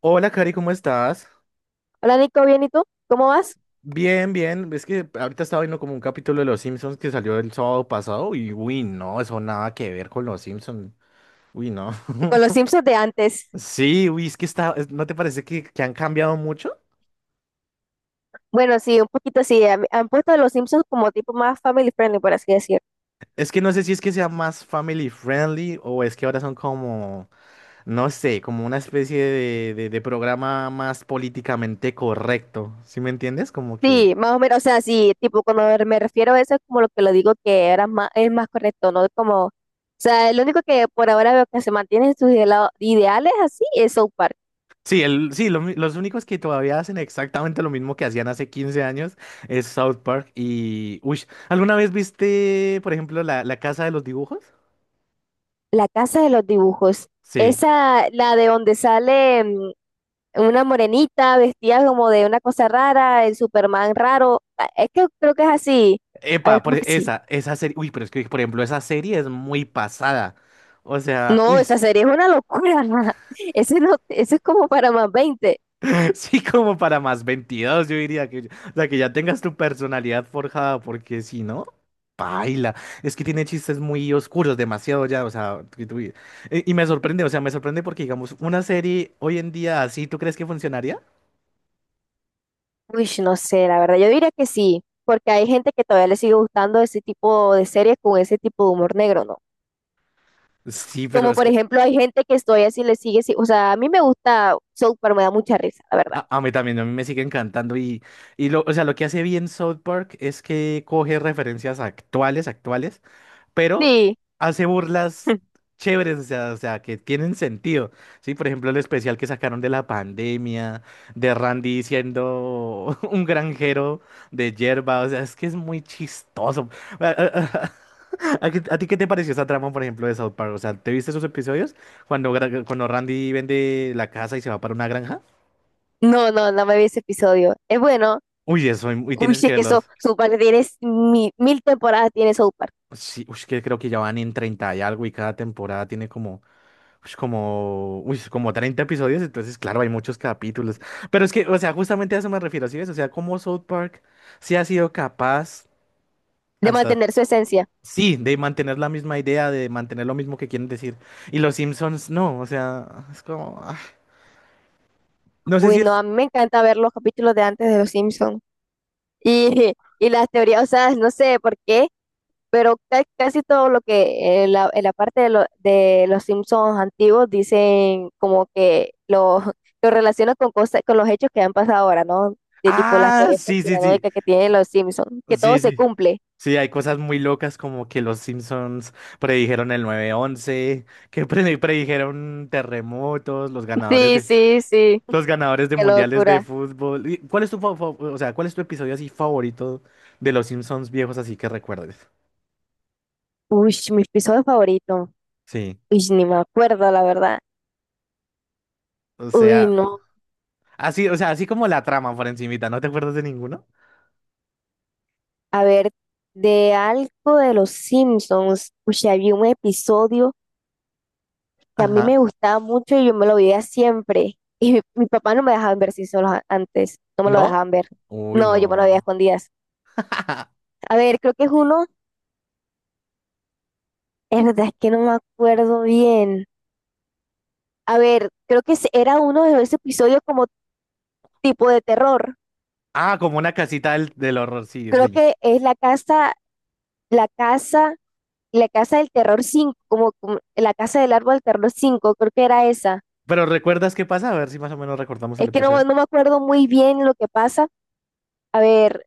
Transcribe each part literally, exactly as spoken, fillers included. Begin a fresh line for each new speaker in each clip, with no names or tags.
Hola, Cari, ¿cómo estás?
Hola Nico, bien, ¿y tú? ¿Cómo vas?
Bien, bien. Es que ahorita estaba viendo como un capítulo de Los Simpsons que salió el sábado pasado y, uy, no, eso nada que ver con Los Simpsons. Uy, no.
Con los Simpsons de antes.
Sí, uy, es que está, es- ¿no te parece que, que han cambiado mucho?
Bueno, sí, un poquito sí. Han, han puesto a los Simpsons como tipo más family friendly, por así decir.
Es que no sé si es que sea más family friendly o es que ahora son como, no sé, como una especie de, de, de programa más políticamente correcto. ¿Sí me entiendes? Como
Sí,
que...
más o menos, o sea, sí, tipo cuando me me refiero a eso es como lo que lo digo que era más, es más correcto, ¿no? Como, o sea, lo único que por ahora veo que se mantiene en sus idealo- ideales así es South Park.
Sí, el, sí, lo mi- los únicos que todavía hacen exactamente lo mismo que hacían hace quince años es South Park y... Uy, ¿alguna vez viste, por ejemplo, la, la Casa de los Dibujos?
La casa de los dibujos.
Sí.
Esa, la de donde sale mm, una morenita vestida como de una cosa rara, el Superman raro. Ah, es que creo que es así. A
Epa,
ver,
por
¿cómo es
e-
que sí?
esa, esa serie... Uy, pero es que, por ejemplo, esa serie es muy pasada. O sea,
No,
uy.
esa serie es una locura. Ese no, ese es como para más veinte.
Sí, como para más veintidós, yo diría que, o sea, que ya tengas tu personalidad forjada, porque si no, paila. Es que tiene chistes muy oscuros, demasiado ya, o sea, que tú- y, y me sorprende, o sea, me sorprende porque, digamos, una serie hoy en día así, ¿tú crees que funcionaría?
Uy, no sé, la verdad. Yo diría que sí, porque hay gente que todavía le sigue gustando ese tipo de series con ese tipo de humor negro, ¿no?
Sí, pero
Como
es
por
que
ejemplo, hay gente que todavía sí le sigue, sí- o sea, a mí me gusta South Park, me da mucha risa, la verdad.
a, a mí también, a mí me sigue encantando y, y lo, o sea, lo que hace bien South Park es que coge referencias actuales, actuales, pero
Sí.
hace burlas chéveres, o sea, o sea, que tienen sentido, ¿sí? Por ejemplo, el especial que sacaron de la pandemia, de Randy siendo un granjero de hierba, o sea, es que es muy chistoso. ¿A, qué- a ti qué te pareció esa trama, por ejemplo, de South Park? O sea, ¿te viste esos episodios cuando, gra- cuando Randy vende la casa y se va para una granja?
No, no, no me vi ese episodio. Es bueno.
Uy, eso, y y
Uy,
tienes que
es que eso,
verlos.
South Park tiene mil, mil temporadas, tiene South Park,
Sí, uy, que creo que ya van en treinta y algo y cada temporada tiene como ush, como, uy, es como treinta episodios, entonces, claro, hay muchos capítulos. Pero es que, o sea, justamente a eso me refiero, ¿sí ves? O sea, como South Park sí ha sido capaz
de
hasta,
mantener su esencia.
sí, de mantener la misma idea, de mantener lo mismo que quieren decir. Y los Simpsons no, o sea, es como, ah, no sé
Uy,
si
no,
es...
a mí me encanta ver los capítulos de antes de Los Simpsons. Y, y las teorías, o sea, no sé por qué, pero ca- casi todo lo que en la, en la parte de, lo- de los Simpsons antiguos dicen como que lo, lo relacionan con cosas, con los hechos que han pasado ahora, ¿no? De tipo las
Ah,
teorías
sí, sí, sí,
conspiranoicas que tienen los Simpsons, que todo
sí,
se
sí.
cumple.
Sí, hay cosas muy locas como que los Simpsons predijeron el nueve once que pre- predijeron terremotos, los ganadores
Sí,
de...
sí, sí,
Los ganadores de
qué
mundiales de
locura.
fútbol. ¿Y ¿Cuál es tu, fa- fa- o sea, cuál es tu episodio así favorito de los Simpsons viejos así que recuerdes?
Uy, mi episodio favorito.
Sí.
Uy, ni me acuerdo, la verdad.
O
Uy,
sea,
no.
así, o sea, así como la trama por encimita, ¿no te acuerdas de ninguno?
A ver, de algo de los Simpsons. Uy, había un episodio que a mí
Ajá.
me gustaba mucho y yo me lo veía siempre. Y mi, mi papá no me dejaban ver si solo antes, no me lo
¿No?
dejaban ver.
Uy,
No, yo me lo veía a
no.
escondidas. A ver, creo que es uno, es verdad, es que no me acuerdo bien. A ver, creo que es- era uno de esos episodios como tipo de terror.
Ah, como una casita del, del horror, sí,
Creo
sí.
que es la casa, la casa, la casa del terror cinco como, como, la casa del árbol del terror cinco creo que era esa.
Pero ¿recuerdas qué pasa? A ver si más o menos recordamos el
Es que no,
episodio.
no me acuerdo muy bien lo que pasa. A ver,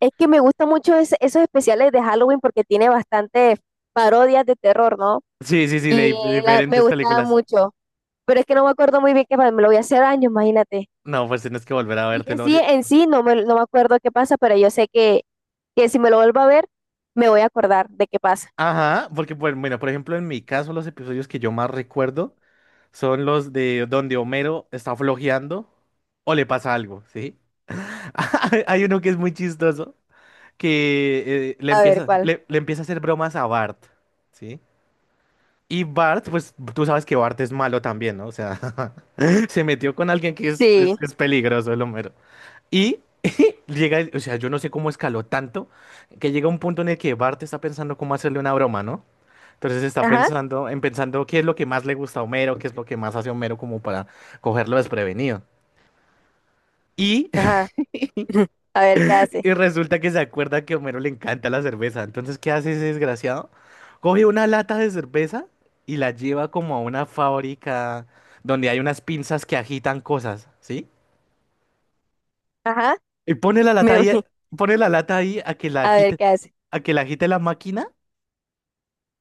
es que me gusta mucho es- esos especiales de Halloween porque tiene bastantes parodias de terror, ¿no?
Sí, sí, sí, de dif-
Y la- me
diferentes
gustaba
películas.
mucho. Pero es que no me acuerdo muy bien qué pasa. Me lo voy a hacer años, imagínate.
No, pues tienes que volver a
Sí,
vértelo.
sí,
Di-
en sí no me, no me acuerdo qué pasa, pero yo sé que, que si me lo vuelvo a ver, me voy a acordar de qué pasa.
Ajá, porque, pues, bueno, por ejemplo, en mi caso, los episodios que yo más recuerdo son los de donde Homero está flojeando o le pasa algo, ¿sí? Hay uno que es muy chistoso, que eh, le
A ver
empieza,
cuál.
le, le empieza a hacer bromas a Bart, ¿sí? Y Bart, pues tú sabes que Bart es malo también, ¿no? O sea, se metió con alguien que es, es,
Sí.
es peligroso, el Homero. Y llega, el- o sea, yo no sé cómo escaló tanto, que llega un punto en el que Bart está pensando cómo hacerle una broma, ¿no? Entonces está
Ajá.
pensando en pensando qué es lo que más le gusta a Homero, qué es lo que más hace Homero como para cogerlo desprevenido. Y,
Ajá. A ver qué hace.
y resulta que se acuerda que a Homero le encanta la cerveza. Entonces, ¿qué hace ese desgraciado? Coge una lata de cerveza y la lleva como a una fábrica donde hay unas pinzas que agitan cosas, ¿sí?
Ajá.
Y pone la lata
Me,
ahí, pone la lata ahí a que la
a ver
agite,
qué hace.
a que la agite la máquina.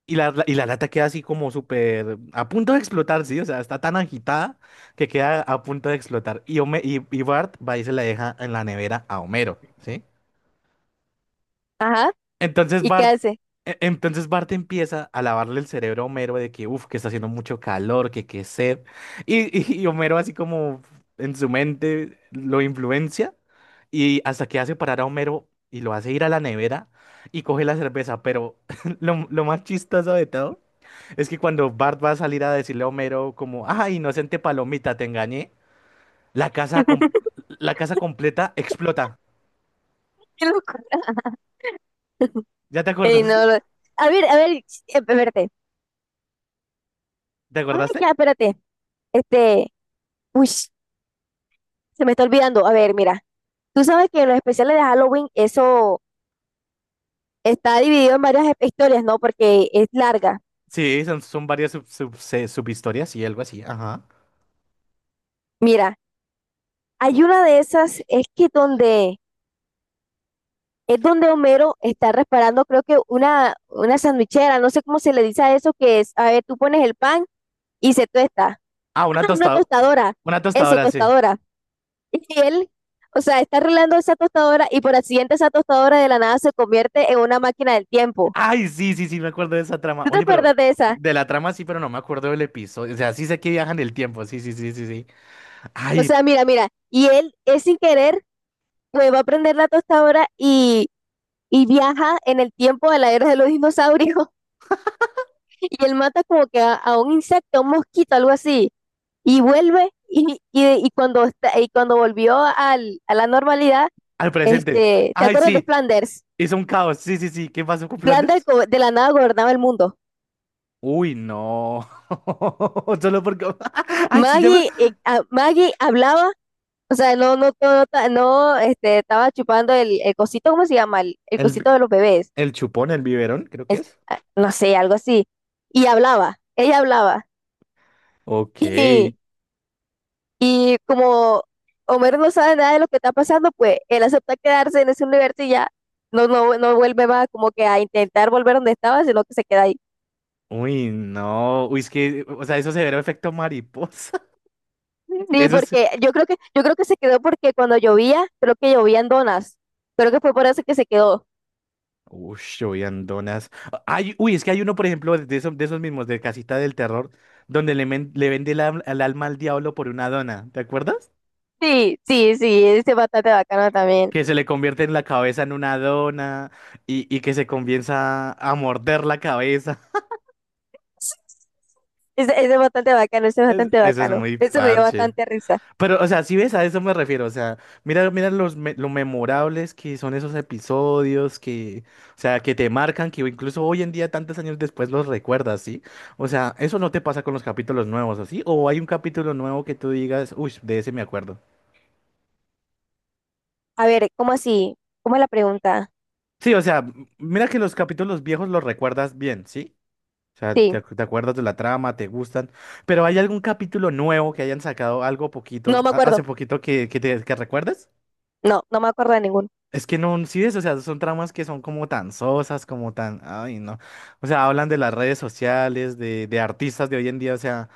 Y la, la- y la lata queda así como súper a punto de explotar, sí, o sea, está tan agitada que queda a punto de explotar. Y, Home- y, y Bart va y se la deja en la nevera a Homero, ¿sí?
Ajá.
Entonces
¿Y qué
Bart,
hace?
e- entonces Bart empieza a lavarle el cerebro a Homero de que, uff, que está haciendo mucho calor, que qué sed. Y, y, y Homero así como en su mente lo influencia y hasta que hace parar a Homero y lo hace ir a la nevera y coge la cerveza. Pero lo, lo más chistoso de todo. Es que cuando Bart va a salir a decirle a Homero como, ah, inocente palomita, te engañé, la casa, com- la casa completa explota.
Qué locura.
¿Ya te
Ey,
acordaste?
no, lo- a ver, a ver, ch- eh, espérate.
¿Te
Ah, ya,
acordaste?
espérate. Este, uy, se me está olvidando. A ver, mira, tú sabes que en los especiales de Halloween eso está dividido en varias hep- historias, ¿no? Porque es larga.
Sí, son, son varias sub, sub- se- subhistorias y algo así. Ajá.
Mira, hay una de esas, es que donde, es donde Homero está reparando, creo que una, una sandwichera, no sé cómo se le dice a eso, que es, a ver, tú pones el pan y se tuesta.
Ah, una
Ah, una
tostadora.
tostadora,
Una
eso,
tostadora, sí.
tostadora. Y él, o sea, está arreglando esa tostadora y por accidente esa tostadora de la nada se convierte en una máquina del tiempo.
Ay, sí, sí, sí, me acuerdo de esa trama.
¿Tú te
Oye, pero
acuerdas de esa?
de la trama sí, pero no me acuerdo del episodio. O sea, sí sé que viajan el tiempo. Sí, sí, sí, sí, sí.
O
Ay,
sea, mira, mira, y él es sin querer, pues va a prender la tostadora y, y viaja en el tiempo de la era de los dinosaurios y él mata como que a, a, un insecto, un mosquito, algo así, y vuelve y, y, y cuando, está- y cuando volvió al, a la normalidad,
al presente.
este, ¿te
Ay,
acuerdas de
sí.
Flanders?
Hizo un caos. Sí, sí, sí. ¿Qué pasó con
Flanders
Flanders?
go- de la nada gobernaba el mundo.
Uy, no. Solo porque. Ay, sí, ya me-
Maggie, eh, a- Maggie hablaba, o sea, no, no, no, no, no, este, estaba chupando el, el cosito, ¿cómo se llama? El, el
El,
cosito de los bebés.
el chupón, el biberón, creo que
es-
es.
ah, no sé, algo así. Y hablaba, ella hablaba.
Ok.
Y, y como Homero no sabe nada de lo que está pasando, pues él acepta quedarse en ese universo y ya no, no, no vuelve más como que a intentar volver donde estaba, sino que se queda ahí.
Uy, no. Uy, es que. O sea, eso se ve efecto mariposa.
Sí,
Eso es.
porque yo creo que, yo creo que se quedó porque cuando llovía, creo que llovían donas. Creo que fue por eso que se quedó.
Uy, uy, andonas. Ay, uy, es que hay uno, por ejemplo, de esos, de esos mismos, de Casita del Terror, donde le, men- le vende el, al- el alma al diablo por una dona. ¿Te acuerdas?
Sí, sí, sí, ese es bastante bacano también.
Que se le convierte en la cabeza en una dona y, y que se comienza a morder la cabeza.
Ese, ese es bastante bacano, ese es
Es-
bastante
eso es
bacano.
muy
Eso me dio
parche.
bastante risa.
Pero, o sea, si ves, a eso me refiero. O sea, mira, mira los me- lo memorables que son esos episodios que, o sea, que te marcan, que incluso hoy en día, tantos años después, los recuerdas, ¿sí? O sea, eso no te pasa con los capítulos nuevos, ¿así? O hay un capítulo nuevo que tú digas, uy, de ese me acuerdo.
A ver, ¿cómo así? ¿Cómo es la pregunta?
Sí, o sea, m- mira que los capítulos viejos los recuerdas bien, ¿sí? O sea,
Sí.
te, ac- te acuerdas de la trama, te gustan. Pero ¿hay algún capítulo nuevo que hayan sacado algo
No
poquito,
me
a-
acuerdo.
hace poquito que, que te que recuerdes?
No, no me acuerdo de ninguno.
Es que no, sí es, o sea, son tramas que son como tan sosas, como tan, ay, no. O sea, hablan de las redes sociales, de, de artistas de hoy en día, o sea,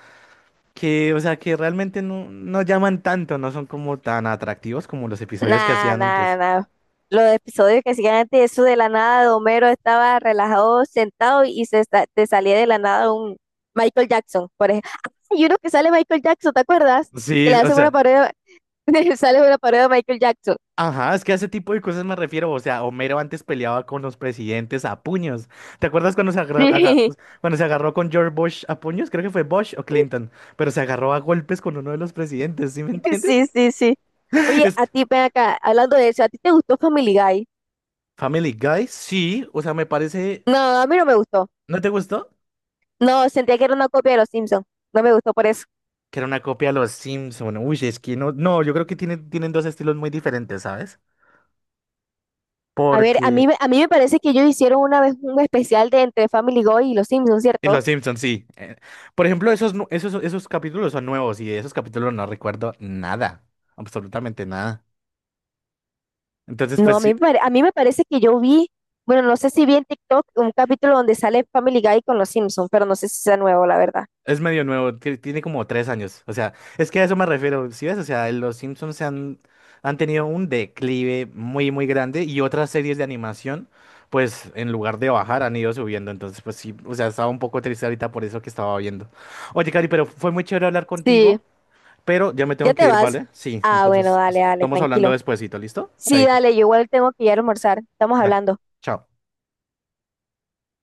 que, o sea, que realmente no, no llaman tanto, no son como tan atractivos como los episodios que
Nada,
hacían
nada,
antes.
nada. Los episodios que siguen antes, eso de la nada de Homero estaba relajado, sentado y se sa- te salía de la nada un Michael Jackson, por ejemplo. Y uno que sale Michael Jackson, ¿te acuerdas? Que le
Sí, o
hacen una
sea,
parodia, sale una parodia de Michael Jackson.
ajá, es que a ese tipo de cosas me refiero, o sea, Homero antes peleaba con los presidentes a puños. ¿Te acuerdas cuando se agarra- aga-
Sí,
cuando se agarró con George Bush a puños? Creo que fue Bush o Clinton, pero se agarró a golpes con uno de los presidentes, ¿sí me entiendes?
sí, sí, sí. Oye, a ti, ven acá, hablando de eso, ¿a ti te gustó Family Guy?
Family Guy, sí, o sea, me parece,
No, a mí no me gustó.
¿no te gustó?
No, sentía que era una copia de Los Simpsons. No me gustó por eso.
Que era una copia de los Simpson. Uy, es que no, no, yo creo que tienen, tienen dos estilos muy diferentes, ¿sabes?
A ver,
Porque
a mí, me- a mí me parece que ellos hicieron una vez un especial de entre Family Guy y los Simpsons,
y los
¿cierto?
Simpson, sí. eh, Por ejemplo, esos, nu- esos, esos capítulos son nuevos y de esos capítulos no recuerdo nada, absolutamente nada. Entonces,
No,
pues
a
sí,
mí, me pare- a mí me parece que yo vi, bueno, no sé si vi en TikTok un capítulo donde sale Family Guy con los Simpsons, pero no sé si sea nuevo, la verdad.
es medio nuevo, que tiene como tres años. O sea, es que a eso me refiero. ¿Si ves? O sea, los Simpsons se han, han tenido un declive muy, muy grande y otras series de animación, pues en lugar de bajar, han ido subiendo. Entonces, pues sí, o sea, estaba un poco triste ahorita por eso que estaba viendo. Oye, Cari, pero fue muy chévere hablar contigo,
Sí,
pero ya me tengo
¿ya
que
te
ir,
vas?
¿vale? Sí,
Ah, bueno,
entonces
dale, dale,
estamos hablando
tranquilo.
despuesito, ¿listo?
Sí,
Chaito.
dale, yo igual tengo que ir a almorzar. Estamos
Dale,
hablando.
chao.